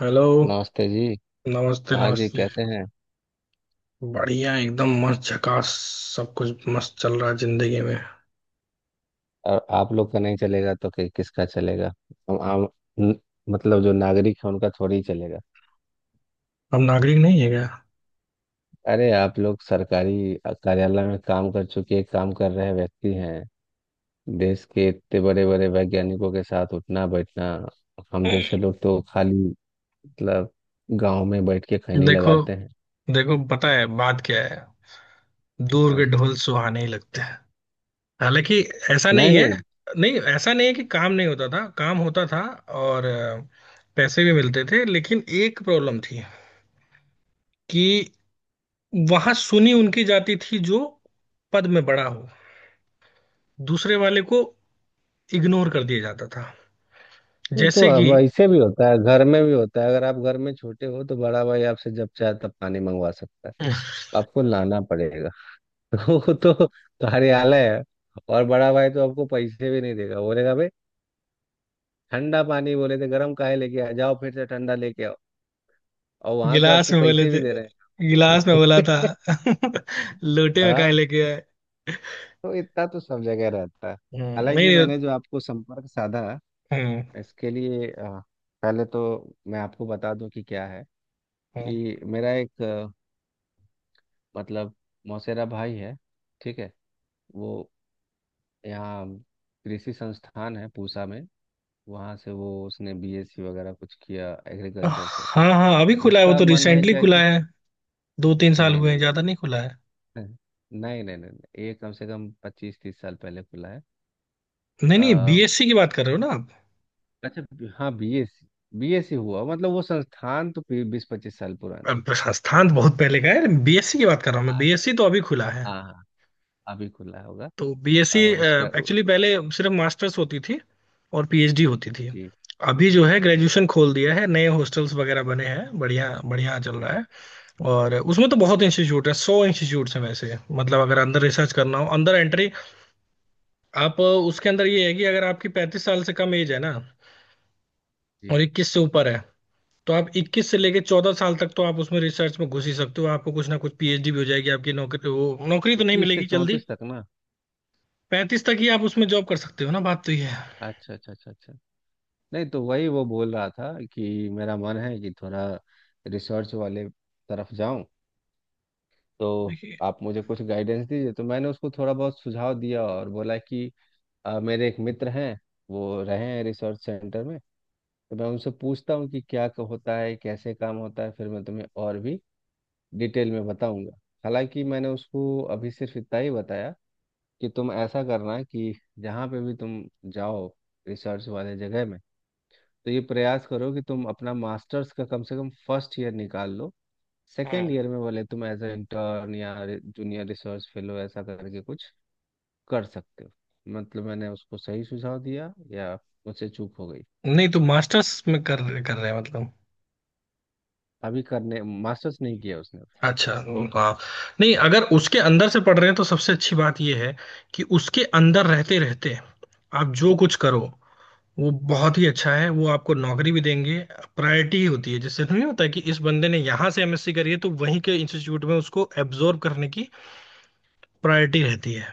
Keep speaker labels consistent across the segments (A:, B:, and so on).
A: Hello.
B: नमस्ते जी।
A: नमस्ते
B: हाँ जी,
A: नमस्ते।
B: कैसे हैं?
A: बढ़िया, एकदम मस्त, झकास। सब कुछ मस्त चल रहा है जिंदगी में।
B: और आप लोग का नहीं चलेगा तो किसका चलेगा। हम आम न- मतलब जो नागरिक है उनका थोड़ी चलेगा।
A: हम नागरिक नहीं है क्या?
B: अरे आप लोग सरकारी कार्यालय में काम कर चुके काम कर रहे व्यक्ति हैं। देश के इतने बड़े बड़े वैज्ञानिकों के साथ उठना बैठना। हम जैसे लोग तो खाली मतलब गांव में बैठ के खैनी
A: देखो,
B: लगाते हैं।
A: देखो, पता है बात क्या है? दूर के
B: हाँ।
A: ढोल सुहाने ही लगते हैं। हालांकि ऐसा
B: नहीं
A: नहीं है,
B: नहीं।
A: नहीं, ऐसा नहीं है कि काम नहीं होता था, काम होता था। और पैसे भी मिलते थे, लेकिन एक प्रॉब्लम थी कि वहां सुनी उनकी जाती थी जो पद में बड़ा हो, दूसरे वाले को इग्नोर कर दिया जाता था।
B: वो तो
A: जैसे कि
B: अब ऐसे भी होता है, घर में भी होता है। अगर आप घर में छोटे हो तो बड़ा भाई आपसे जब चाहे तब पानी मंगवा सकता है, आपको लाना पड़ेगा। वो तो कार्यालय है। और बड़ा भाई तो आपको पैसे भी नहीं देगा, बोलेगा भाई ठंडा पानी बोले थे गर्म काहे लेके आ जाओ, फिर से ठंडा लेके आओ। और वहां तो
A: गिलास
B: आपको
A: में बोले
B: पैसे भी
A: थे,
B: दे रहे
A: गिलास में बोला था।
B: हैं।
A: लोटे में काहे
B: हाँ,
A: लेके आए?
B: तो इतना तो सब जगह रहता है। हालांकि
A: नहीं।
B: मैंने जो आपको संपर्क साधा
A: हम्म।
B: इसके लिए पहले तो मैं आपको बता दूं कि क्या है।
A: हम्म।
B: कि मेरा एक मतलब मौसेरा भाई है। ठीक है। वो यहाँ कृषि संस्थान है पूसा में, वहाँ से वो उसने बीएससी वगैरह कुछ किया एग्रीकल्चर से।
A: हाँ हाँ, अभी खुला है वो,
B: उसका
A: तो
B: मन है
A: रिसेंटली
B: क्या
A: खुला
B: कि
A: है। 2-3 साल
B: नहीं
A: हुए
B: नहीं
A: हैं,
B: नहीं
A: ज्यादा नहीं
B: नहीं।
A: खुला है।
B: नहीं नहीं नहीं नहीं, ये कम से कम पच्चीस तीस साल पहले खुला है।
A: नहीं नहीं,
B: आ,
A: बीएससी की बात कर रहे हो ना आप?
B: अच्छा हाँ बीएससी। बीएससी हुआ मतलब वो संस्थान तो बीस पच्चीस साल पुरानी है।
A: अब संस्थान तो बहुत पहले का है, बीएससी की बात कर रहा हूँ मैं,
B: अच्छा,
A: बीएससी तो अभी खुला है।
B: हाँ हाँ, अभी खुला होगा।
A: तो बीएससी
B: उसका।
A: एक्चुअली पहले सिर्फ मास्टर्स होती थी, और पीएचडी होती थी।
B: जी
A: अभी जो है,
B: जी
A: ग्रेजुएशन खोल दिया है, नए हॉस्टल्स वगैरह बने हैं, बढ़िया बढ़िया चल
B: जी
A: रहा
B: जी
A: है। और उसमें तो बहुत इंस्टीट्यूट है, 100 इंस्टीट्यूट्स हैं वैसे, मतलब अगर अंदर रिसर्च करना हो, अंदर एंट्री आप उसके अंदर ये है कि अगर आपकी 35 साल से कम एज है ना, और
B: जी।
A: 21 से ऊपर है, तो आप 21 से लेके 14 साल तक तो आप उसमें रिसर्च में घुस ही सकते हो, आपको कुछ ना कुछ पीएचडी भी हो जाएगी आपकी, नौकरी वो नौकरी तो नहीं
B: इक्कीस से
A: मिलेगी जल्दी।
B: चौंतीस तक ना?
A: 35 तक ही आप उसमें जॉब कर सकते हो ना, बात तो ये है।
B: अच्छा अच्छा अच्छा अच्छा। नहीं तो वही वो बोल रहा था कि मेरा मन है कि थोड़ा रिसर्च वाले तरफ जाऊं, तो
A: देखिए।
B: आप मुझे कुछ गाइडेंस दीजिए। तो मैंने उसको थोड़ा बहुत सुझाव दिया और बोला कि मेरे एक मित्र हैं, वो रहे हैं रिसर्च सेंटर में, तो मैं उनसे पूछता हूँ कि क्या होता है, कैसे काम होता है, फिर मैं तुम्हें और भी डिटेल में बताऊंगा। हालांकि मैंने उसको अभी सिर्फ इतना ही बताया कि तुम ऐसा करना कि जहाँ पे भी तुम जाओ, रिसर्च वाले जगह में, तो ये प्रयास करो कि तुम अपना मास्टर्स का कम से कम फर्स्ट ईयर निकाल लो। सेकेंड
A: हम्म।
B: ईयर में भले तुम एज ए इंटर्न या जूनियर रिसर्च फेलो ऐसा करके कुछ कर सकते हो। मतलब मैंने उसको सही सुझाव दिया या मुझसे चूक हो गई?
A: नहीं तो मास्टर्स में कर कर रहे हैं मतलब?
B: अभी करने मास्टर्स नहीं किया उसने।
A: अच्छा। हाँ। नहीं, अगर उसके अंदर से पढ़ रहे हैं, तो सबसे अच्छी बात यह है कि उसके अंदर रहते रहते आप जो कुछ करो वो बहुत ही अच्छा है, वो आपको नौकरी भी देंगे। प्रायोरिटी होती है, जैसे नहीं होता है, कि इस बंदे ने यहाँ से एमएससी करी है तो वहीं के इंस्टीट्यूट में उसको एब्जॉर्ब करने की प्रायोरिटी रहती है।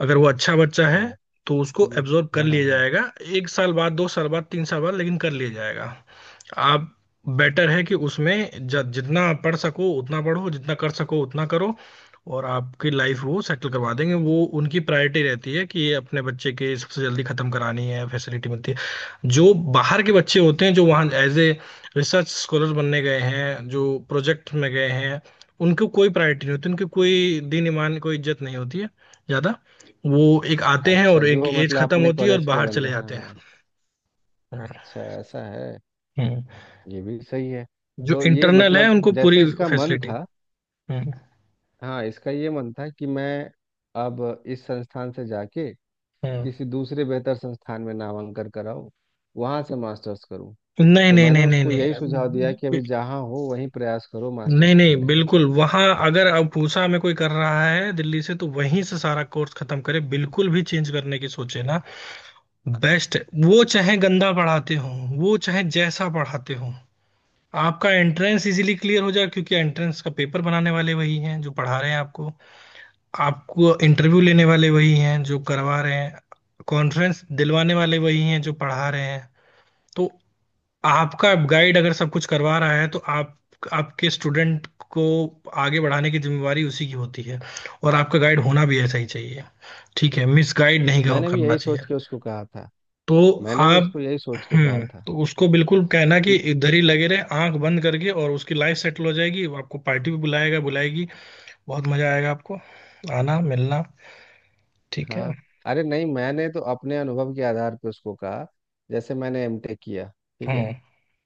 A: अगर वो अच्छा बच्चा है
B: अच्छा,
A: तो उसको
B: ये
A: एब्जॉर्ब कर
B: हाँ हाँ
A: लिया
B: हाँ।
A: जाएगा। एक साल बाद, दो साल बाद, तीन साल बाद, लेकिन कर लिया जाएगा। आप, बेटर है कि उसमें जितना पढ़ सको उतना पढ़ो, जितना कर सको उतना करो। और आपकी लाइफ वो सेटल करवा देंगे, वो उनकी प्रायोरिटी रहती है कि ये अपने बच्चे के सबसे जल्दी खत्म करानी है, फैसिलिटी मिलती है। जो बाहर के बच्चे होते हैं, जो वहाँ एज ए रिसर्च स्कॉलर बनने गए हैं, जो प्रोजेक्ट में गए हैं, उनको कोई प्रायोरिटी नहीं होती, उनकी कोई दीन ईमान, कोई इज्जत नहीं होती है ज़्यादा। वो एक आते हैं
B: अच्छा
A: और एक
B: जो
A: एज
B: मतलब
A: खत्म
B: अपने
A: होती है और
B: कॉलेज के
A: बाहर चले
B: बंदे,
A: जाते
B: हाँ।
A: हैं।
B: अच्छा ऐसा है।
A: हम्म।
B: ये भी सही है।
A: जो
B: तो ये
A: इंटरनल है
B: मतलब
A: उनको पूरी
B: जैसे इसका मन
A: फैसिलिटी।
B: था।
A: हम्म।
B: हाँ, इसका ये मन था कि मैं अब इस संस्थान से जाके
A: हम्म।
B: किसी दूसरे बेहतर संस्थान में नामांकन कराऊं, वहां से मास्टर्स करूं।
A: नहीं
B: तो
A: नहीं
B: मैंने
A: नहीं नहीं
B: उसको यही
A: नहीं,
B: सुझाव दिया कि
A: बि-
B: अभी जहाँ हो वहीं प्रयास करो
A: नहीं
B: मास्टर्स
A: नहीं,
B: करने का।
A: बिल्कुल, वहां अगर अब पूसा में कोई कर रहा है दिल्ली से, तो वहीं से सारा कोर्स खत्म करे, बिल्कुल भी चेंज करने की सोचे ना। बेस्ट। वो चाहे गंदा पढ़ाते हो, वो चाहे जैसा पढ़ाते हो, आपका एंट्रेंस इजीली क्लियर हो जाए, क्योंकि एंट्रेंस का पेपर बनाने वाले वही हैं जो पढ़ा रहे हैं आपको। आपको इंटरव्यू लेने वाले वही हैं जो करवा रहे हैं। कॉन्फ्रेंस दिलवाने वाले वही हैं जो पढ़ा रहे हैं। तो आपका गाइड अगर सब कुछ करवा रहा है, तो आप, आपके स्टूडेंट को आगे बढ़ाने की जिम्मेवारी उसी की होती है। और आपका गाइड होना भी ऐसा ही चाहिए, ठीक है, मिस गाइड नहीं
B: मैंने भी
A: करना
B: यही
A: चाहिए।
B: सोच के उसको कहा था।
A: तो
B: मैंने भी
A: आप,
B: उसको यही सोच के कहा
A: हम्म,
B: था।
A: तो उसको बिल्कुल कहना कि
B: क्यों?
A: इधर ही लगे रहे आंख बंद करके, और उसकी लाइफ सेटल हो जाएगी, वो आपको पार्टी भी बुलाएगा बुलाएगी, बहुत मजा आएगा आपको। आना मिलना। ठीक है।
B: हाँ। अरे नहीं, मैंने तो अपने अनुभव के आधार पर उसको कहा। जैसे मैंने एमटेक किया। ठीक है।
A: हम्म।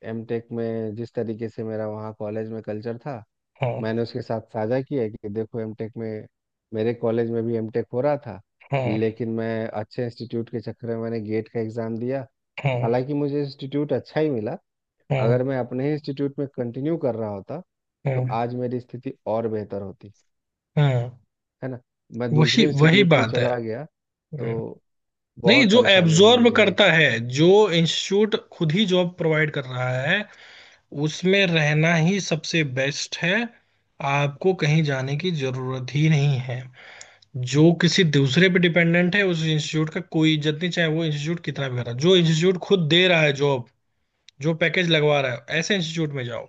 B: एमटेक में जिस तरीके से मेरा वहाँ कॉलेज में कल्चर था,
A: हम्म।
B: मैंने उसके साथ साझा किया है कि देखो एमटेक में मेरे कॉलेज में भी एमटेक हो रहा था,
A: हम्म।
B: लेकिन मैं अच्छे इंस्टीट्यूट के चक्कर में मैंने गेट का एग्ज़ाम दिया। हालांकि मुझे इंस्टीट्यूट अच्छा ही मिला।
A: हम्म।
B: अगर मैं अपने ही इंस्टीट्यूट में कंटिन्यू कर रहा होता तो
A: हम्म। हम्म।
B: आज मेरी स्थिति और बेहतर होती,
A: हम्म।
B: है ना? मैं
A: वही
B: दूसरे
A: वही
B: इंस्टीट्यूट में
A: बात है।
B: चला गया तो
A: हम्म। नहीं,
B: बहुत
A: जो
B: परेशानी हुई
A: एब्जॉर्ब
B: मुझे।
A: करता है, जो इंस्टीट्यूट खुद ही जॉब प्रोवाइड कर रहा है, उसमें रहना ही सबसे बेस्ट है, आपको कहीं जाने की जरूरत ही नहीं है। जो किसी दूसरे पे डिपेंडेंट है उस इंस्टीट्यूट का कोई इज्जत नहीं, चाहे वो इंस्टीट्यूट कितना भी कर रहा है, जो इंस्टीट्यूट खुद दे रहा है जॉब, जो पैकेज लगवा रहा है, ऐसे इंस्टीट्यूट में जाओ।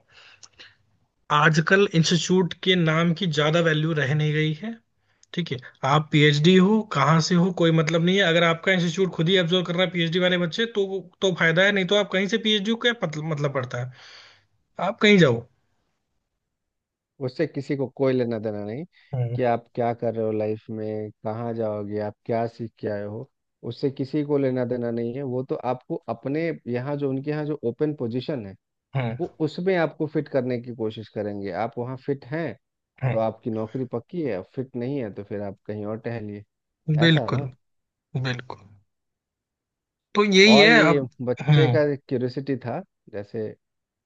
A: आजकल इंस्टीट्यूट के नाम की ज्यादा वैल्यू रह नहीं गई है, ठीक है। आप पीएचडी हो, कहाँ से हो कोई मतलब नहीं है, अगर आपका इंस्टीट्यूट खुद ही एब्जॉर्व कर रहा है पीएचडी वाले बच्चे, तो फायदा है, नहीं तो आप कहीं से पीएचडी को क्या मतलब पड़ता है। आप कहीं जाओ।
B: उससे किसी को कोई लेना देना नहीं
A: हम्म।
B: कि आप क्या कर रहे हो लाइफ में, कहाँ जाओगे, आप क्या सीख के आए हो। उससे किसी को लेना देना नहीं है। वो तो आपको अपने यहाँ जो उनके यहाँ जो ओपन पोजीशन है
A: हम्म।
B: वो उसमें आपको फिट करने की कोशिश करेंगे। आप वहाँ फिट हैं
A: हम्म।
B: तो आपकी नौकरी पक्की है, फिट नहीं है तो फिर आप कहीं और टहलिए। ऐसा है ना?
A: बिल्कुल बिल्कुल। तो यही
B: और
A: है
B: ये
A: अब।
B: बच्चे
A: हम्म।
B: का क्यूरियोसिटी था। जैसे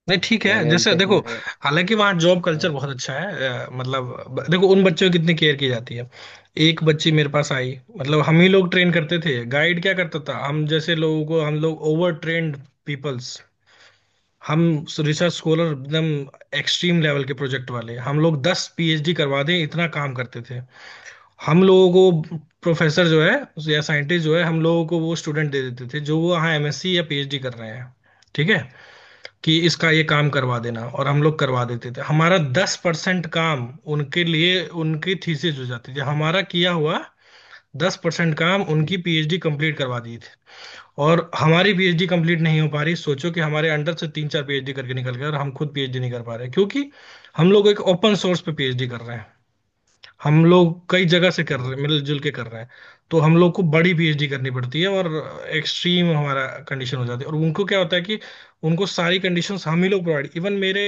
A: नहीं ठीक है,
B: मैंने
A: जैसे
B: एमटेक
A: देखो,
B: में
A: हालांकि वहाँ जॉब कल्चर
B: अ,
A: बहुत अच्छा है, मतलब देखो उन बच्चों की कितनी केयर की जाती है। एक बच्ची मेरे पास आई, मतलब हम ही लोग ट्रेन करते थे, गाइड क्या करता था हम जैसे लोगों को, हम लोग ओवर ट्रेन्ड पीपल्स, हम रिसर्च स्कॉलर एकदम एक्सट्रीम लेवल के प्रोजेक्ट वाले, हम लोग 10 पीएचडी करवा दें इतना काम करते थे। हम लोगों को प्रोफेसर जो है या साइंटिस्ट जो है, हम लोगों को वो स्टूडेंट दे देते थे जो वो यहाँ एमएससी या पीएचडी कर रहे हैं। ठीक है, कि इसका ये काम करवा देना, और हम लोग करवा देते थे। हमारा 10% काम उनके लिए, उनकी थीसिस हो जाती थी हमारा किया हुआ 10% काम,
B: जी।
A: उनकी पीएचडी कंप्लीट करवा दी। और हमारी पीएचडी कंप्लीट नहीं हो पा रही। सोचो कि हमारे अंडर से तीन चार पीएचडी करके निकल गए, और हम खुद पीएचडी नहीं कर पा रहे, क्योंकि हम लोग एक ओपन सोर्स पे पीएचडी कर रहे हैं, हम लोग कई जगह से कर रहे
B: ओ।
A: हैं, मिलजुल के कर रहे हैं। तो हम लोग को बड़ी पीएचडी करनी पड़ती है, और एक्सट्रीम हमारा कंडीशन हो जाती है। और उनको क्या होता है कि उनको सारी कंडीशंस हम ही लोग प्रोवाइड, इवन मेरे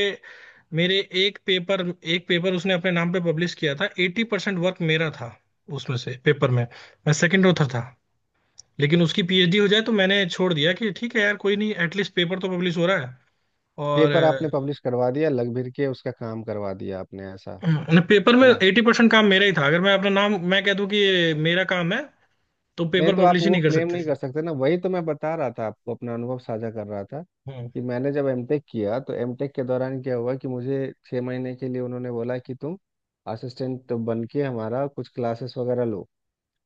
A: मेरे एक पेपर उसने अपने नाम पे पब्लिश किया था, 80% वर्क मेरा था उसमें से। पेपर में मैं सेकंड ऑथर था, लेकिन उसकी पीएचडी हो जाए, तो मैंने छोड़ दिया कि ठीक है यार, कोई नहीं, एटलीस्ट पेपर तो पब्लिश हो रहा है। और
B: पेपर आपने पब्लिश करवा दिया, लग भिड़ के उसका काम करवा दिया आपने, ऐसा
A: पेपर
B: है
A: में
B: ना?
A: 80% काम मेरा ही था, अगर मैं अपना नाम मैं कह दूं कि ये मेरा काम है, तो
B: नहीं
A: पेपर
B: तो आप
A: पब्लिश ही
B: वो
A: नहीं कर
B: क्लेम
A: सकती
B: नहीं
A: थी।
B: कर सकते ना। वही तो मैं बता रहा था आपको, अपना अनुभव साझा कर रहा था
A: हम्म।
B: कि मैंने जब एमटेक किया तो एमटेक के दौरान क्या हुआ कि मुझे छः महीने के लिए उन्होंने बोला कि तुम असिस्टेंट बन के हमारा कुछ क्लासेस वगैरह लो।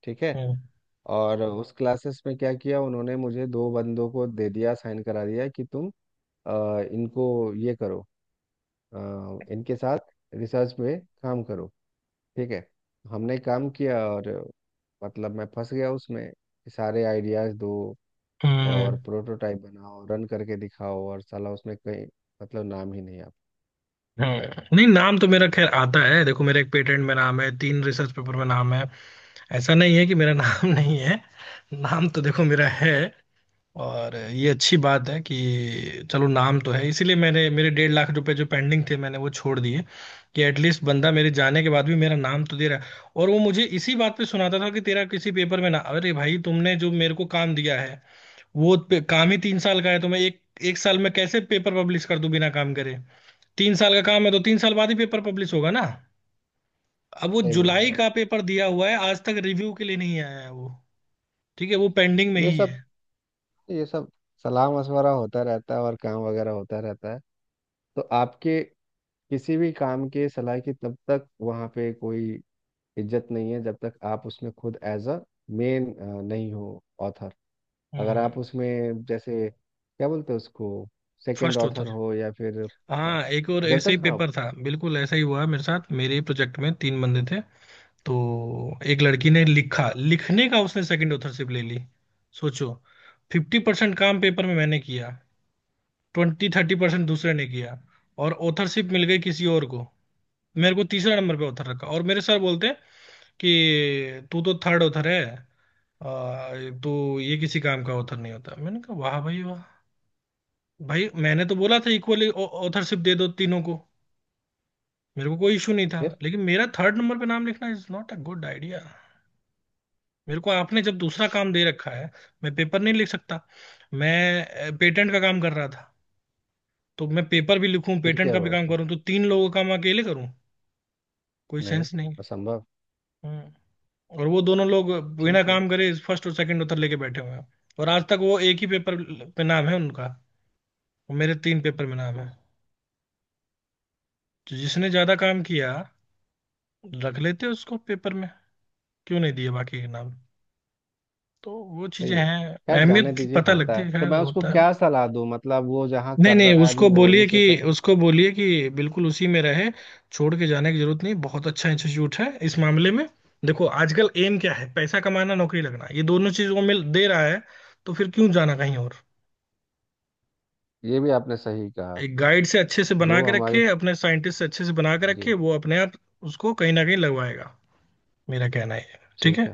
B: ठीक है।
A: हम्म।
B: और उस क्लासेस में क्या किया, उन्होंने मुझे दो बंदों को दे दिया, साइन करा दिया कि तुम इनको ये करो, अ, इनके साथ रिसर्च में काम करो। ठीक है। हमने काम किया और मतलब मैं फंस गया उसमें कि सारे आइडियाज दो
A: हम्म।
B: और प्रोटोटाइप बनाओ, रन करके दिखाओ और साला उसमें कहीं मतलब नाम ही नहीं आप।
A: हम्म। नहीं, नाम तो मेरा खैर आता है। देखो मेरा एक पेटेंट में नाम है, 3 रिसर्च पेपर में नाम है, ऐसा नहीं है कि मेरा नाम नहीं है, नाम तो देखो मेरा है। और ये अच्छी बात है कि चलो नाम तो है, इसीलिए मैंने मेरे 1.5 लाख रुपए जो पेंडिंग थे, मैंने वो छोड़ दिए, कि एटलीस्ट बंदा मेरे जाने के बाद भी मेरा नाम तो दे रहा है। और वो मुझे इसी बात पे सुनाता था कि तेरा किसी पेपर में ना, अरे भाई तुमने जो मेरे को काम दिया है वो काम ही 3 साल का है, तो मैं एक एक साल में कैसे पेपर पब्लिश कर दूं बिना काम करे, तीन साल का काम है तो 3 साल बाद ही पेपर पब्लिश होगा ना। अब वो
B: सही बोल रहे
A: जुलाई
B: हो आप।
A: का पेपर दिया हुआ है, आज तक रिव्यू के लिए नहीं आया है वो, ठीक है, वो पेंडिंग में
B: ये
A: ही
B: सब
A: है।
B: ये सब सलाह मशवरा होता रहता है और काम वगैरह होता रहता है। तो आपके किसी भी काम के सलाह की तब तक वहाँ पे कोई इज्जत नहीं है जब तक आप उसमें खुद एज अ मेन नहीं हो, ऑथर। अगर
A: हम्म।
B: आप उसमें जैसे क्या बोलते हैं उसको सेकंड
A: फर्स्ट होता।
B: ऑथर हो या फिर हाँ,
A: हाँ एक और
B: जब
A: ऐसे ही
B: तक हाँ।
A: पेपर था, बिल्कुल ऐसा ही हुआ मेरे साथ, मेरे प्रोजेक्ट में 3 बंदे थे। तो एक लड़की ने लिखा, लिखने का उसने सेकंड ऑथरशिप ले ली। सोचो, 50% काम पेपर में मैंने किया, 20-30% दूसरे ने किया, और ऑथरशिप मिल गई किसी और को। मेरे को तीसरा नंबर पे ऑथर रखा, और मेरे सर बोलते हैं कि तू तो थर्ड ऑथर है। तो ये किसी काम का ऑथर नहीं होता, मैंने कहा वाह भाई वाह। भाई मैंने तो बोला था, इक्वली ऑथरशिप दे दो तीनों को, मेरे को कोई इशू नहीं था,
B: फिर
A: लेकिन मेरा थर्ड नंबर पे नाम लिखना is not a good idea. मेरे को आपने जब दूसरा काम दे रखा है, मैं पेपर नहीं लिख सकता, मैं पेटेंट का काम कर रहा था, तो मैं पेपर भी लिखूं,
B: फिर
A: पेटेंट
B: क्या
A: का भी
B: हुआ
A: काम
B: उसमें?
A: करूं, तो 3 लोगों का काम अकेले करूं, कोई
B: नहीं।
A: सेंस नहीं है।
B: असंभव।
A: हम्म। और वो दोनों लोग बिना
B: ठीक है।
A: काम करे फर्स्ट और सेकंड उत्तर लेके बैठे हुए हैं, और आज तक वो एक ही पेपर पे नाम है उनका, और मेरे 3 पेपर में नाम है। तो जिसने ज्यादा काम किया रख लेते उसको पेपर में, क्यों नहीं दिए बाकी के नाम। तो वो चीजें
B: सही है।
A: हैं,
B: खैर जाने
A: अहमियत की
B: दीजिए,
A: पता
B: होता
A: लगती
B: है।
A: है,
B: तो
A: खैर
B: मैं उसको
A: होता है।
B: क्या सलाह दूं, मतलब वो जहाँ
A: नहीं
B: कर
A: नहीं,
B: रहा है अभी
A: उसको
B: वो वहीं
A: बोलिए कि
B: से करे।
A: उसको बोलिए कि बिल्कुल उसी में रहे, छोड़ के जाने की जरूरत नहीं, बहुत अच्छा इंस्टीट्यूट है इस मामले में। देखो आजकल एम क्या है, पैसा कमाना, नौकरी लगना, ये दोनों चीज वो मिल दे रहा है, तो फिर क्यों जाना कहीं और।
B: ये भी आपने सही कहा।
A: एक गाइड से अच्छे से बना
B: जो
A: के
B: हमारे
A: रखे, अपने साइंटिस्ट से अच्छे से बना के रखे,
B: जी।
A: वो अपने आप उसको कहीं ना कहीं लगवाएगा। मेरा कहना ये है, ठीक
B: ठीक
A: है।
B: है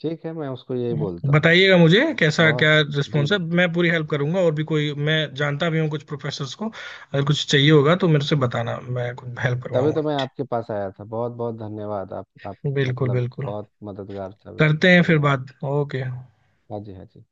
B: ठीक है, मैं उसको यही बोलता हूँ।
A: बताइएगा मुझे कैसा क्या
B: बहुत। जी
A: रिस्पॉन्स है,
B: जी
A: मैं पूरी हेल्प करूंगा, और भी कोई मैं जानता भी हूँ कुछ प्रोफेसर्स को, अगर कुछ चाहिए होगा तो मेरे से
B: जी।
A: बताना, मैं कुछ हेल्प
B: तभी
A: करवाऊंगा।
B: तो मैं आपके पास आया था, बहुत बहुत धन्यवाद। आप
A: बिल्कुल
B: मतलब
A: बिल्कुल।
B: बहुत मददगार साबित हुए।
A: करते हैं फिर
B: धन्यवाद।
A: बात। ओके।
B: हाँ जी हाँ जी।